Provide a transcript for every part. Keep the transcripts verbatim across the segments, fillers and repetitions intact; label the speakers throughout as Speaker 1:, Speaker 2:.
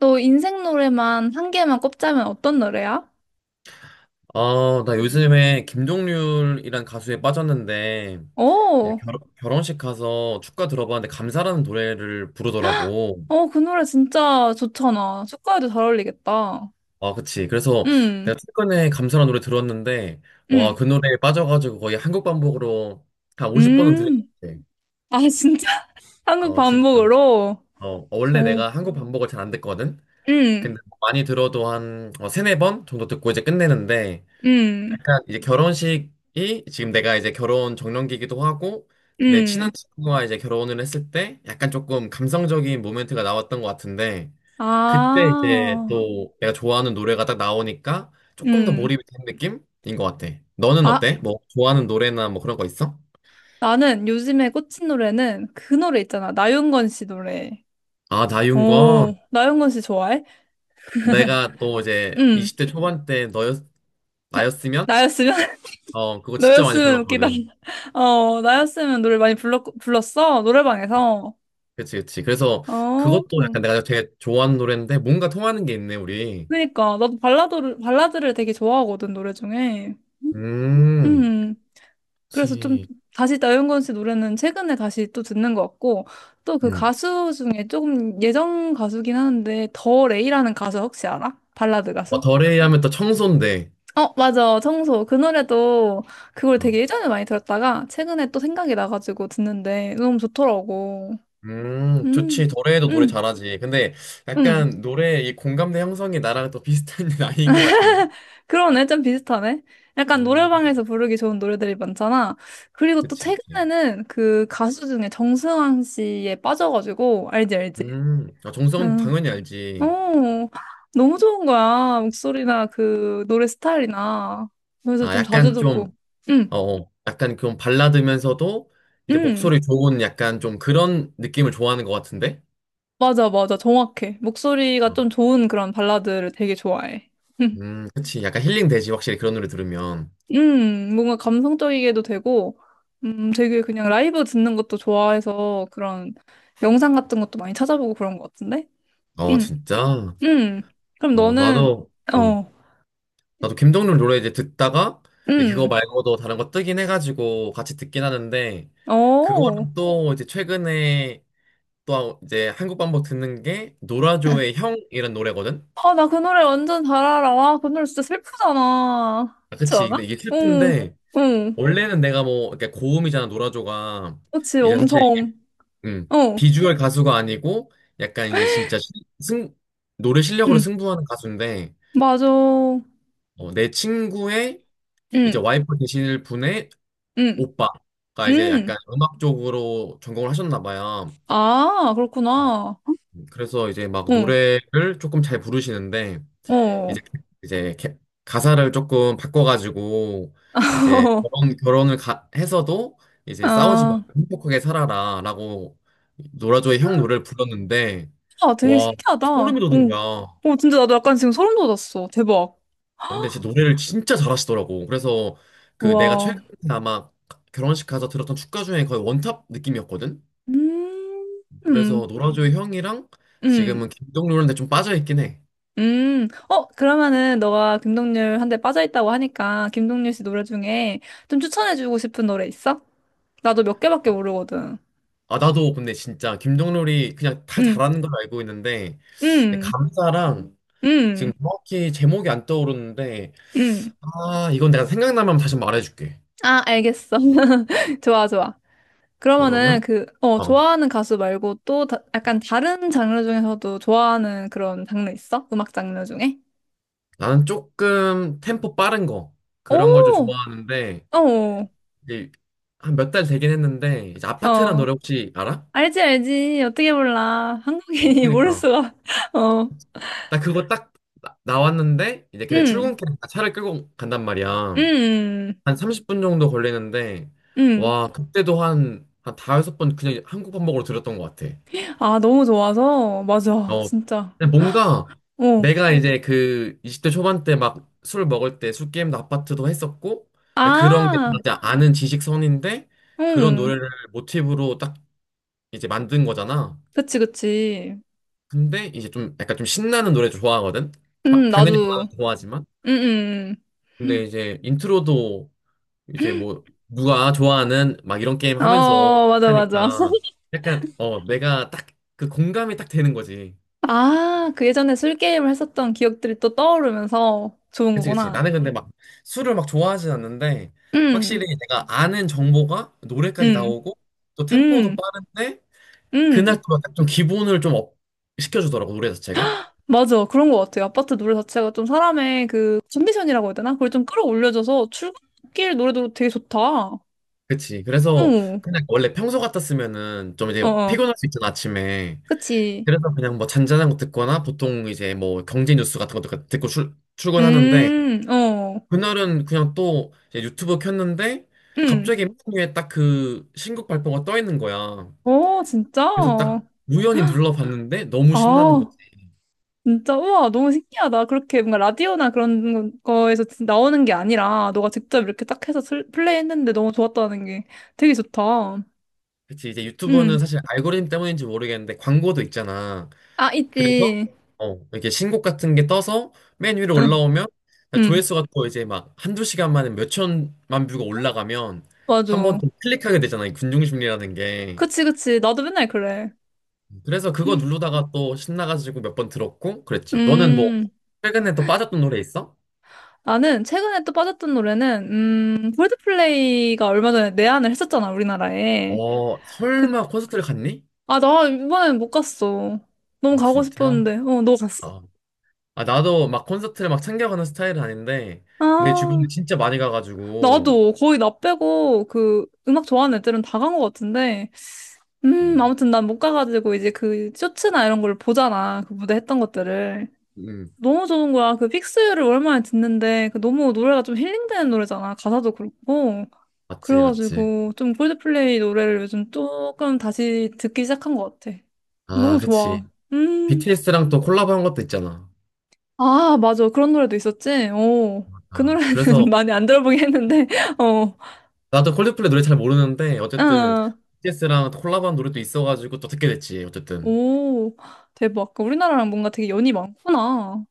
Speaker 1: 너 인생 노래만 한 개만 꼽자면 어떤 노래야?
Speaker 2: 아, 나 요즘에 김종률이란 가수에 빠졌는데, 이제
Speaker 1: 오,
Speaker 2: 결, 결혼식 가서 축가 들어봤는데, 감사라는 노래를 부르더라고.
Speaker 1: 어, 그 노래 진짜 좋잖아. 축가에도 잘 어울리겠다.
Speaker 2: 아, 그치. 그래서
Speaker 1: 음,
Speaker 2: 내가 최근에 감사라는 노래 들었는데, 와,
Speaker 1: 음,
Speaker 2: 그 노래에 빠져가지고 거의 한국 반복으로 한 오십 번은 들은 것
Speaker 1: 음.
Speaker 2: 같아.
Speaker 1: 아, 진짜? 한국
Speaker 2: 어, 진짜.
Speaker 1: 반복으로?
Speaker 2: 어, 원래
Speaker 1: 오,
Speaker 2: 내가 한국 반복을 잘 안 듣거든?
Speaker 1: 음,
Speaker 2: 근데 많이 들어도 한 어, 세네 번 정도 듣고 이제 끝내는데,
Speaker 1: 음,
Speaker 2: 약간 이제 결혼식이 지금 내가 이제 결혼 정년기이기도 하고 내 친한
Speaker 1: 음.
Speaker 2: 친구와 이제 결혼을 했을 때 약간 조금 감성적인 모멘트가 나왔던 것 같은데 그때 이제
Speaker 1: 아,
Speaker 2: 또 내가 좋아하는 노래가 딱 나오니까 조금 더
Speaker 1: 음.
Speaker 2: 몰입이 된 느낌인 것 같아. 너는
Speaker 1: 아,
Speaker 2: 어때? 뭐 좋아하는 노래나 뭐 그런 거 있어?
Speaker 1: 나는 요즘에 꽂힌 노래는 그 노래 있잖아. 나윤건 씨 노래.
Speaker 2: 아,
Speaker 1: 오,
Speaker 2: 나윤건
Speaker 1: 나윤건 씨 좋아해?
Speaker 2: 내가 또 이제
Speaker 1: 음.
Speaker 2: 이십 대 초반 때 너였
Speaker 1: 나,
Speaker 2: 나였으면
Speaker 1: 나였으면?
Speaker 2: 어 그거 진짜 많이
Speaker 1: 너였으면 웃기다.
Speaker 2: 불렀거든.
Speaker 1: 어, 나였으면 노래 많이 불렀, 불렀어? 노래방에서.
Speaker 2: 그치 그치. 그래서
Speaker 1: 어,
Speaker 2: 그것도 약간
Speaker 1: 음.
Speaker 2: 내가 되게 좋아하는 노래인데 뭔가 통하는 게 있네 우리.
Speaker 1: 그러니까. 나도 발라드를, 발라드를 되게 좋아하거든, 노래 중에.
Speaker 2: 음,
Speaker 1: 음. 그래서 좀
Speaker 2: 그치.
Speaker 1: 다시 나윤건 씨 노래는 최근에 다시 또 듣는 것 같고, 또 그
Speaker 2: 음.
Speaker 1: 가수 중에 조금 예전 가수긴 하는데, 더 레이라는 가수 혹시 알아? 발라드
Speaker 2: 어,
Speaker 1: 가수?
Speaker 2: 더레이 하면 또 청소인데.
Speaker 1: 어, 맞아. 청소. 그 노래도 그걸 되게
Speaker 2: 어.
Speaker 1: 예전에 많이 들었다가, 최근에 또 생각이 나가지고 듣는데, 너무 좋더라고.
Speaker 2: 음,
Speaker 1: 음.
Speaker 2: 좋지. 더레이도 노래
Speaker 1: 음.
Speaker 2: 잘하지. 근데
Speaker 1: 응,
Speaker 2: 약간 노래 이 공감대 형성이 나랑 또 비슷한 나이인 것 같은데.
Speaker 1: 그러네. 좀 비슷하네. 약간
Speaker 2: 음,
Speaker 1: 노래방에서 부르기 좋은 노래들이 많잖아. 그리고 또
Speaker 2: 그치, 그치.
Speaker 1: 최근에는 그 가수 중에 정승환 씨에 빠져가지고, 알지, 알지?
Speaker 2: 음, 아, 정성은
Speaker 1: 응.
Speaker 2: 당연히 알지.
Speaker 1: 오, 너무 좋은 거야. 목소리나 그 노래 스타일이나. 그래서
Speaker 2: 아,
Speaker 1: 좀
Speaker 2: 약간
Speaker 1: 자주
Speaker 2: 음.
Speaker 1: 듣고.
Speaker 2: 좀,
Speaker 1: 응,
Speaker 2: 어, 어, 약간 좀 발라드면서도 이제
Speaker 1: 응.
Speaker 2: 목소리 좋은 약간 좀 그런 느낌을 좋아하는 것 같은데.
Speaker 1: 맞아, 맞아. 정확해. 목소리가
Speaker 2: 어,
Speaker 1: 좀 좋은 그런 발라드를 되게 좋아해. 응.
Speaker 2: 음, 그치. 약간 힐링 되지. 확실히 그런 노래 들으면.
Speaker 1: 음, 뭔가 감성적이게도 되고, 음, 되게 그냥 라이브 듣는 것도 좋아해서 그런 영상 같은 것도 많이 찾아보고 그런 것 같은데?
Speaker 2: 어,
Speaker 1: 음,
Speaker 2: 진짜.
Speaker 1: 음. 그럼
Speaker 2: 어,
Speaker 1: 너는,
Speaker 2: 나도. 음.
Speaker 1: 어,
Speaker 2: 나도 김동률 노래 이제 듣다가 이제 그거 음.
Speaker 1: 음,
Speaker 2: 말고도 다른 거 뜨긴 해가지고 같이 듣긴 하는데
Speaker 1: 어.
Speaker 2: 그거랑 또 이제 최근에 또 이제 한국 반복 듣는 게 노라조의 형이란 노래거든.
Speaker 1: 아, 나 그 노래 완전 잘 알아. 와, 그 노래 진짜 슬프잖아.
Speaker 2: 아,
Speaker 1: 그렇지
Speaker 2: 그치. 근데
Speaker 1: 않아?
Speaker 2: 이게
Speaker 1: 응,
Speaker 2: 슬픈데
Speaker 1: 응.
Speaker 2: 원래는 내가 뭐 이렇게 고음이잖아 노라조가
Speaker 1: 그렇지,
Speaker 2: 이제 사실
Speaker 1: 엄청.
Speaker 2: 음,
Speaker 1: 어,
Speaker 2: 비주얼 가수가 아니고 약간 이제 진짜 시- 승 노래 실력으로
Speaker 1: 응,
Speaker 2: 승부하는 가수인데
Speaker 1: 맞아.
Speaker 2: 어, 내 친구의 이제
Speaker 1: 응,
Speaker 2: 와이프 되실 분의
Speaker 1: 응,
Speaker 2: 오빠가 이제
Speaker 1: 응.
Speaker 2: 약간 음악 쪽으로 전공을 하셨나 봐요.
Speaker 1: 아, 그렇구나.
Speaker 2: 그래서 이제 막
Speaker 1: 응,
Speaker 2: 노래를 조금 잘 부르시는데
Speaker 1: 어.
Speaker 2: 이제 이제 개- 가사를 조금 바꿔가지고 이제 결혼 결혼을 가- 해서도 이제 싸우지
Speaker 1: 아.
Speaker 2: 말고 행복하게 살아라라고 노라조의 형 노래를 불렀는데
Speaker 1: 아, 되게
Speaker 2: 와
Speaker 1: 신기하다. 어.
Speaker 2: 소름이 돋은 거야. 어,
Speaker 1: 어, 진짜 나도 약간 지금 소름 돋았어. 대박.
Speaker 2: 근데 진짜 노래를 진짜 잘하시더라고. 그래서 그 내가
Speaker 1: 우와.
Speaker 2: 최근에 아마 결혼식 가서 들었던 축가 중에 거의 원탑 느낌이었거든.
Speaker 1: 음,
Speaker 2: 그래서
Speaker 1: 음,
Speaker 2: 노라조의 형이랑
Speaker 1: 음,
Speaker 2: 지금은 김동률한테 좀 빠져있긴 해.
Speaker 1: 음. 어, 그러면은 너가 김동률 한 대 빠져있다고 하니까 김동률 씨 노래 중에 좀 추천해주고 싶은 노래 있어? 나도 몇 개밖에
Speaker 2: 아,
Speaker 1: 모르거든.
Speaker 2: 아, 나도 근데 진짜 김동률이 그냥 다
Speaker 1: 음,
Speaker 2: 잘하는 걸 알고 있는데, 근데
Speaker 1: 음,
Speaker 2: 감사랑
Speaker 1: 음,
Speaker 2: 지금 정확히 제목이 안 떠오르는데,
Speaker 1: 음.
Speaker 2: 아, 이건 내가 생각나면 다시 말해줄게.
Speaker 1: 아, 알겠어. 좋아, 좋아. 그러면은
Speaker 2: 그러면,
Speaker 1: 그, 어,
Speaker 2: 어,
Speaker 1: 좋아하는 가수 말고 또 다, 약간 다른 장르 중에서도 좋아하는 그런 장르 있어? 음악 장르 중에?
Speaker 2: 나는 조금 템포 빠른 거, 그런 걸 좀
Speaker 1: 오!
Speaker 2: 좋아하는데,
Speaker 1: 어,
Speaker 2: 이제 한 몇 달 되긴 했는데, 이제 아파트란
Speaker 1: 어.
Speaker 2: 노래 혹시 알아?
Speaker 1: 알지, 알지. 어떻게 몰라.
Speaker 2: 어,
Speaker 1: 한국인이 모를
Speaker 2: 그니까.
Speaker 1: 수가. 어.
Speaker 2: 나 그거 딱 나, 나왔는데, 이제 그때
Speaker 1: 음,
Speaker 2: 출근길에 차를 끌고 간단 말이야.
Speaker 1: 음,
Speaker 2: 한 삼십 분 정도 걸리는데,
Speaker 1: 음.
Speaker 2: 와, 그때도 한, 한 다섯 번 그냥 한국 반복으로 들었던 것 같아.
Speaker 1: 아, 너무 좋아서. 맞아,
Speaker 2: 어,
Speaker 1: 진짜.
Speaker 2: 근데 뭔가
Speaker 1: 어.
Speaker 2: 내가 이제 그 이십 대 초반 때 막 술 먹을 때 술 게임도 아파트도 했었고, 근데 그런 게
Speaker 1: 아,
Speaker 2: 진짜 아는 지식선인데, 그런
Speaker 1: 음.
Speaker 2: 노래를 모티브로 딱 이제 만든 거잖아.
Speaker 1: 그치, 그치.
Speaker 2: 근데 이제 좀 약간 좀 신나는 노래 좋아하거든? 바-
Speaker 1: 응
Speaker 2: 당연히
Speaker 1: 나도.
Speaker 2: 바라도 좋아하지만.
Speaker 1: 음, 음.
Speaker 2: 근데 이제 인트로도 이제 뭐 누가 좋아하는 막 이런 게임
Speaker 1: 음.
Speaker 2: 하면서
Speaker 1: 어, 맞아, 맞아.
Speaker 2: 하니까 약간 어 내가 딱 그 공감이 딱 되는 거지.
Speaker 1: 아, 그 예전에 술게임을 했었던 기억들이 또 떠오르면서 좋은
Speaker 2: 그치 그치.
Speaker 1: 거구나.
Speaker 2: 나는 근데 막 술을 막 좋아하진 않는데
Speaker 1: 음,
Speaker 2: 확실히 내가 아는 정보가 노래까지
Speaker 1: 음,
Speaker 2: 나오고 또 템포도
Speaker 1: 음,
Speaker 2: 빠른데 그날
Speaker 1: 음.
Speaker 2: 또 약간 좀 기분을 좀 업 시켜주더라고 노래 자체가.
Speaker 1: 맞아. 그런 것 같아요. 아파트 노래 자체가 좀 사람의 그 컨디션이라고 해야 되나? 그걸 좀 끌어올려줘서 출근길 노래도 되게 좋다. 어,
Speaker 2: 그치. 그래서 그냥 원래 평소 같았으면은 좀 이제
Speaker 1: 어, 어.
Speaker 2: 피곤할 수 있잖아 아침에.
Speaker 1: 그치.
Speaker 2: 그래서 그냥 뭐 잔잔한 거 듣거나 보통 이제 뭐 경제 뉴스 같은 것도 듣고 출, 출근하는데
Speaker 1: 음, 어,
Speaker 2: 그날은 그냥 또 이제 유튜브 켰는데
Speaker 1: 음.
Speaker 2: 갑자기 맨 위에 딱 그 신곡 발표가 떠 있는 거야.
Speaker 1: 어, 진짜?
Speaker 2: 그래서 딱 우연히 눌러봤는데 너무 신나는
Speaker 1: 아,
Speaker 2: 거지.
Speaker 1: 진짜. 우와, 너무 신기하다. 그렇게 뭔가 라디오나 그런 거에서 진- 나오는 게 아니라 너가 직접 이렇게 딱 해서 슬- 플레이했는데 너무 좋았다는 게 되게 좋다.
Speaker 2: 그치 이제
Speaker 1: 음.
Speaker 2: 유튜브는 사실 알고리즘 때문인지 모르겠는데 광고도 있잖아.
Speaker 1: 아,
Speaker 2: 그래서
Speaker 1: 있지.
Speaker 2: 어 이렇게 신곡 같은 게 떠서 맨 위로
Speaker 1: 응,
Speaker 2: 올라오면
Speaker 1: 응.
Speaker 2: 조회수가 또 이제 막 한두 시간 만에 몇 천만 뷰가 올라가면 한 번
Speaker 1: 맞아.
Speaker 2: 또 클릭하게 되잖아. 이 군중심리라는 게.
Speaker 1: 그치, 그치. 나도 맨날 그래.
Speaker 2: 그래서 그거 누르다가 또 신나가지고 몇 번 들었고 그랬지. 너는 뭐
Speaker 1: 음.
Speaker 2: 최근에 또 빠졌던 노래 있어?
Speaker 1: 나는 최근에 또 빠졌던 노래는 음 콜드플레이가 얼마 전에 내한을 했었잖아 우리나라에.
Speaker 2: 어,
Speaker 1: 그
Speaker 2: 설마 콘서트를 갔니?
Speaker 1: 아 나 이번엔 못 갔어. 너무
Speaker 2: 아,
Speaker 1: 가고
Speaker 2: 진짜?
Speaker 1: 싶었는데 어 너 갔어?
Speaker 2: 아, 아, 나도 막 콘서트를 막 챙겨가는 스타일은 아닌데 내
Speaker 1: 아,
Speaker 2: 주변에 진짜 많이 가가지고
Speaker 1: 나도 거의 나 빼고 그 음악 좋아하는 애들은 다 간 것 같은데
Speaker 2: 네.
Speaker 1: 음 아무튼 난 못 가가지고 이제 그 쇼츠나 이런 걸 보잖아 그 무대 했던 것들을.
Speaker 2: 음,
Speaker 1: 너무 좋은 거야 그 픽스유를 오랜만에 듣는데 그 너무 노래가 좀 힐링되는 노래잖아 가사도 그렇고.
Speaker 2: 맞지, 맞지.
Speaker 1: 그래가지고 좀 콜드플레이 노래를 요즘 조금 다시 듣기 시작한 것 같아.
Speaker 2: 아,
Speaker 1: 너무 좋아.
Speaker 2: 그치.
Speaker 1: 음.
Speaker 2: 비티에스랑 또 콜라보 한 것도 있잖아.
Speaker 1: 아, 맞아. 그런 노래도 있었지? 어. 그
Speaker 2: 아,
Speaker 1: 노래는
Speaker 2: 그래서
Speaker 1: 많이 안 들어보긴 했는데, 어.
Speaker 2: 나도 콜드플레이 노래 잘 모르는데 어쨌든
Speaker 1: 아,
Speaker 2: 비티에스랑 콜라보한 노래도 있어가지고 또 듣게 됐지, 어쨌든.
Speaker 1: 오. 대박. 그러니까 우리나라랑 뭔가 되게 연이 많구나. 어,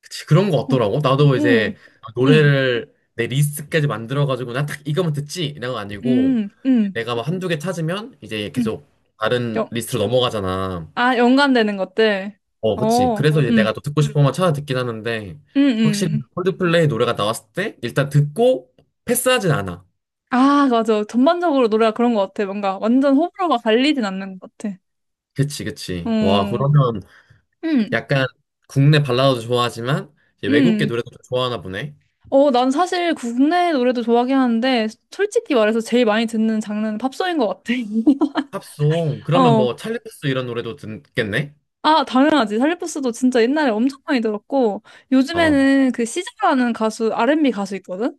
Speaker 2: 그치, 그런 거
Speaker 1: 응,
Speaker 2: 없더라고. 나도 이제
Speaker 1: 응, 응,
Speaker 2: 노래를 내 리스트까지 만들어가지고 나 딱 이거만 듣지? 이런 거 아니고
Speaker 1: 응, 응.
Speaker 2: 내가 막 한두 개 찾으면 이제
Speaker 1: 응.
Speaker 2: 계속 다른
Speaker 1: 연,
Speaker 2: 리스트로 넘어가잖아.
Speaker 1: 아, 연관되는 것들.
Speaker 2: 어, 그치.
Speaker 1: 어,
Speaker 2: 그래서 이제 내가
Speaker 1: 응,
Speaker 2: 또 듣고 싶은 것만 찾아 듣긴 하는데
Speaker 1: 응,
Speaker 2: 확실히
Speaker 1: 응.
Speaker 2: 콜드플레이 노래가 나왔을 때 일단 듣고 패스하진 않아.
Speaker 1: 아, 맞아. 전반적으로 노래가 그런 것 같아. 뭔가 완전 호불호가 갈리진 않는 것 같아.
Speaker 2: 그치, 그치. 와,
Speaker 1: 음,
Speaker 2: 그러면
Speaker 1: 음,
Speaker 2: 약간 국내 발라드도 좋아하지만 이제 외국계
Speaker 1: 음.
Speaker 2: 노래도 좀 좋아하나 보네.
Speaker 1: 어, 난 사실 국내 노래도 좋아하긴 하는데, 솔직히 말해서 제일 많이 듣는 장르는 팝송인 것 같아.
Speaker 2: 팝송. 그러면
Speaker 1: 어,
Speaker 2: 뭐 찰리 푸스 이런 노래도 듣겠네?
Speaker 1: 아, 당연하지. 살리포스도 진짜 옛날에 엄청 많이 들었고,
Speaker 2: 어,
Speaker 1: 요즘에는 그 시저라는 가수, 알앤비 가수 있거든?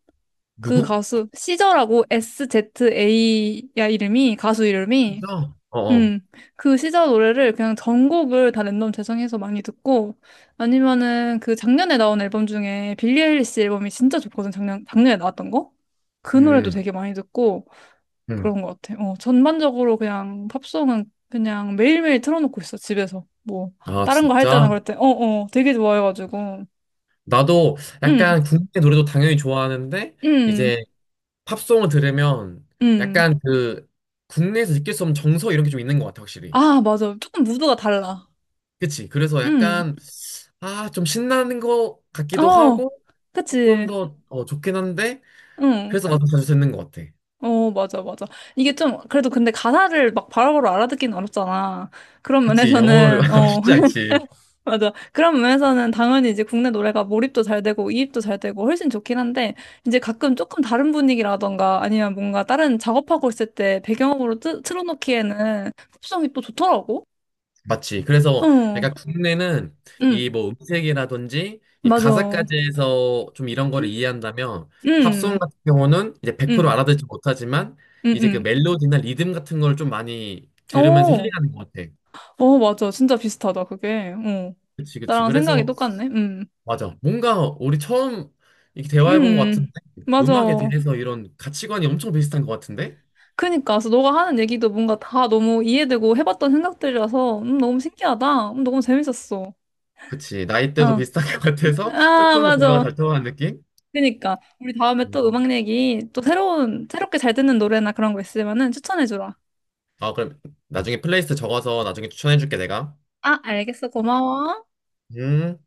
Speaker 1: 그
Speaker 2: 누구?
Speaker 1: 가수, 시저라고 시저야 이름이, 가수 이름이.
Speaker 2: 진짜? 어어.
Speaker 1: 음, 그 시절 노래를 그냥 전곡을 다 랜덤 재생해서 많이 듣고, 아니면은 그 작년에 나온 앨범 중에 빌리 아일리시 앨범이 진짜 좋거든, 작년, 작년에 나왔던 거? 그 노래도
Speaker 2: 음,
Speaker 1: 되게 많이 듣고,
Speaker 2: 음.
Speaker 1: 그런 것 같아. 어, 전반적으로 그냥 팝송은 그냥 매일매일 틀어놓고 있어, 집에서. 뭐,
Speaker 2: 아,
Speaker 1: 다른 거 할 때나
Speaker 2: 진짜?
Speaker 1: 그럴 때, 어, 어, 되게 좋아해가지고.
Speaker 2: 나도
Speaker 1: 음,
Speaker 2: 약간 국내 노래도 당연히 좋아하는데,
Speaker 1: 음,
Speaker 2: 이제 팝송을 들으면
Speaker 1: 음.
Speaker 2: 약간 그 국내에서 느낄 수 없는 정서 이런 게 좀 있는 것 같아, 확실히.
Speaker 1: 아, 맞아. 조금 무드가 달라.
Speaker 2: 그치? 그래서
Speaker 1: 음,
Speaker 2: 약간, 아, 좀 신나는 것 같기도
Speaker 1: 어,
Speaker 2: 하고, 조금
Speaker 1: 그치.
Speaker 2: 더 어, 좋긴 한데,
Speaker 1: 응.
Speaker 2: 그래서 나도 자주 듣는 것 같아.
Speaker 1: 어, 맞아, 맞아. 이게 좀, 그래도 근데 가사를 막 바로바로 알아듣기는 어렵잖아. 그런
Speaker 2: 그치? 영어를
Speaker 1: 면에서는, 어,
Speaker 2: 쉽지 않지.
Speaker 1: 맞아. 그런 면에서는 당연히 이제 국내 노래가 몰입도 잘 되고, 이입도 잘 되고, 훨씬 좋긴 한데, 이제 가끔 조금 다른 분위기라던가, 아니면 뭔가 다른 작업하고 있을 때 배경음으로 틀, 틀어놓기에는 흡성이 또 좋더라고?
Speaker 2: 맞지. 그래서
Speaker 1: 어,
Speaker 2: 약간 국내는
Speaker 1: 응,
Speaker 2: 이 뭐 음색이라든지 이
Speaker 1: 맞아.
Speaker 2: 가사까지 해서 좀 이런 거를 이해한다면 팝송
Speaker 1: 응,
Speaker 2: 같은 경우는 이제 백 프로
Speaker 1: 응,
Speaker 2: 알아듣지 못하지만 이제 그
Speaker 1: 응,
Speaker 2: 멜로디나 리듬 같은 걸 좀 많이
Speaker 1: 응.
Speaker 2: 들으면서
Speaker 1: 어,
Speaker 2: 힐링하는 것 같아.
Speaker 1: 어, 맞아. 진짜 비슷하다, 그게. 어.
Speaker 2: 그치, 그치.
Speaker 1: 나랑 생각이
Speaker 2: 그래서
Speaker 1: 똑같네. 응.
Speaker 2: 맞아. 뭔가 우리 처음 이렇게
Speaker 1: 음,
Speaker 2: 대화해 본 것 같은데
Speaker 1: 음.
Speaker 2: 음악에
Speaker 1: 맞아.
Speaker 2: 대해서 이런 가치관이 엄청 비슷한 것 같은데?
Speaker 1: 그니까, 그래서 너가 하는 얘기도 뭔가 다 너무 이해되고 해봤던 생각들이라서, 음, 너무 신기하다. 음, 너무 재밌었어.
Speaker 2: 그치. 나이대도
Speaker 1: 어.
Speaker 2: 비슷한 것 같아서
Speaker 1: 아,
Speaker 2: 조금 더 대화가
Speaker 1: 맞아.
Speaker 2: 잘 통하는 느낌?
Speaker 1: 그니까. 우리 다음에 또
Speaker 2: 음.
Speaker 1: 음악 얘기, 또 새로운, 새롭게 잘 듣는 노래나 그런 거 있으면은 추천해주라.
Speaker 2: 아, 그럼 나중에 플레이리스트 적어서 나중에 추천해줄게, 내가.
Speaker 1: 아, 알겠어. 고마워.
Speaker 2: 음.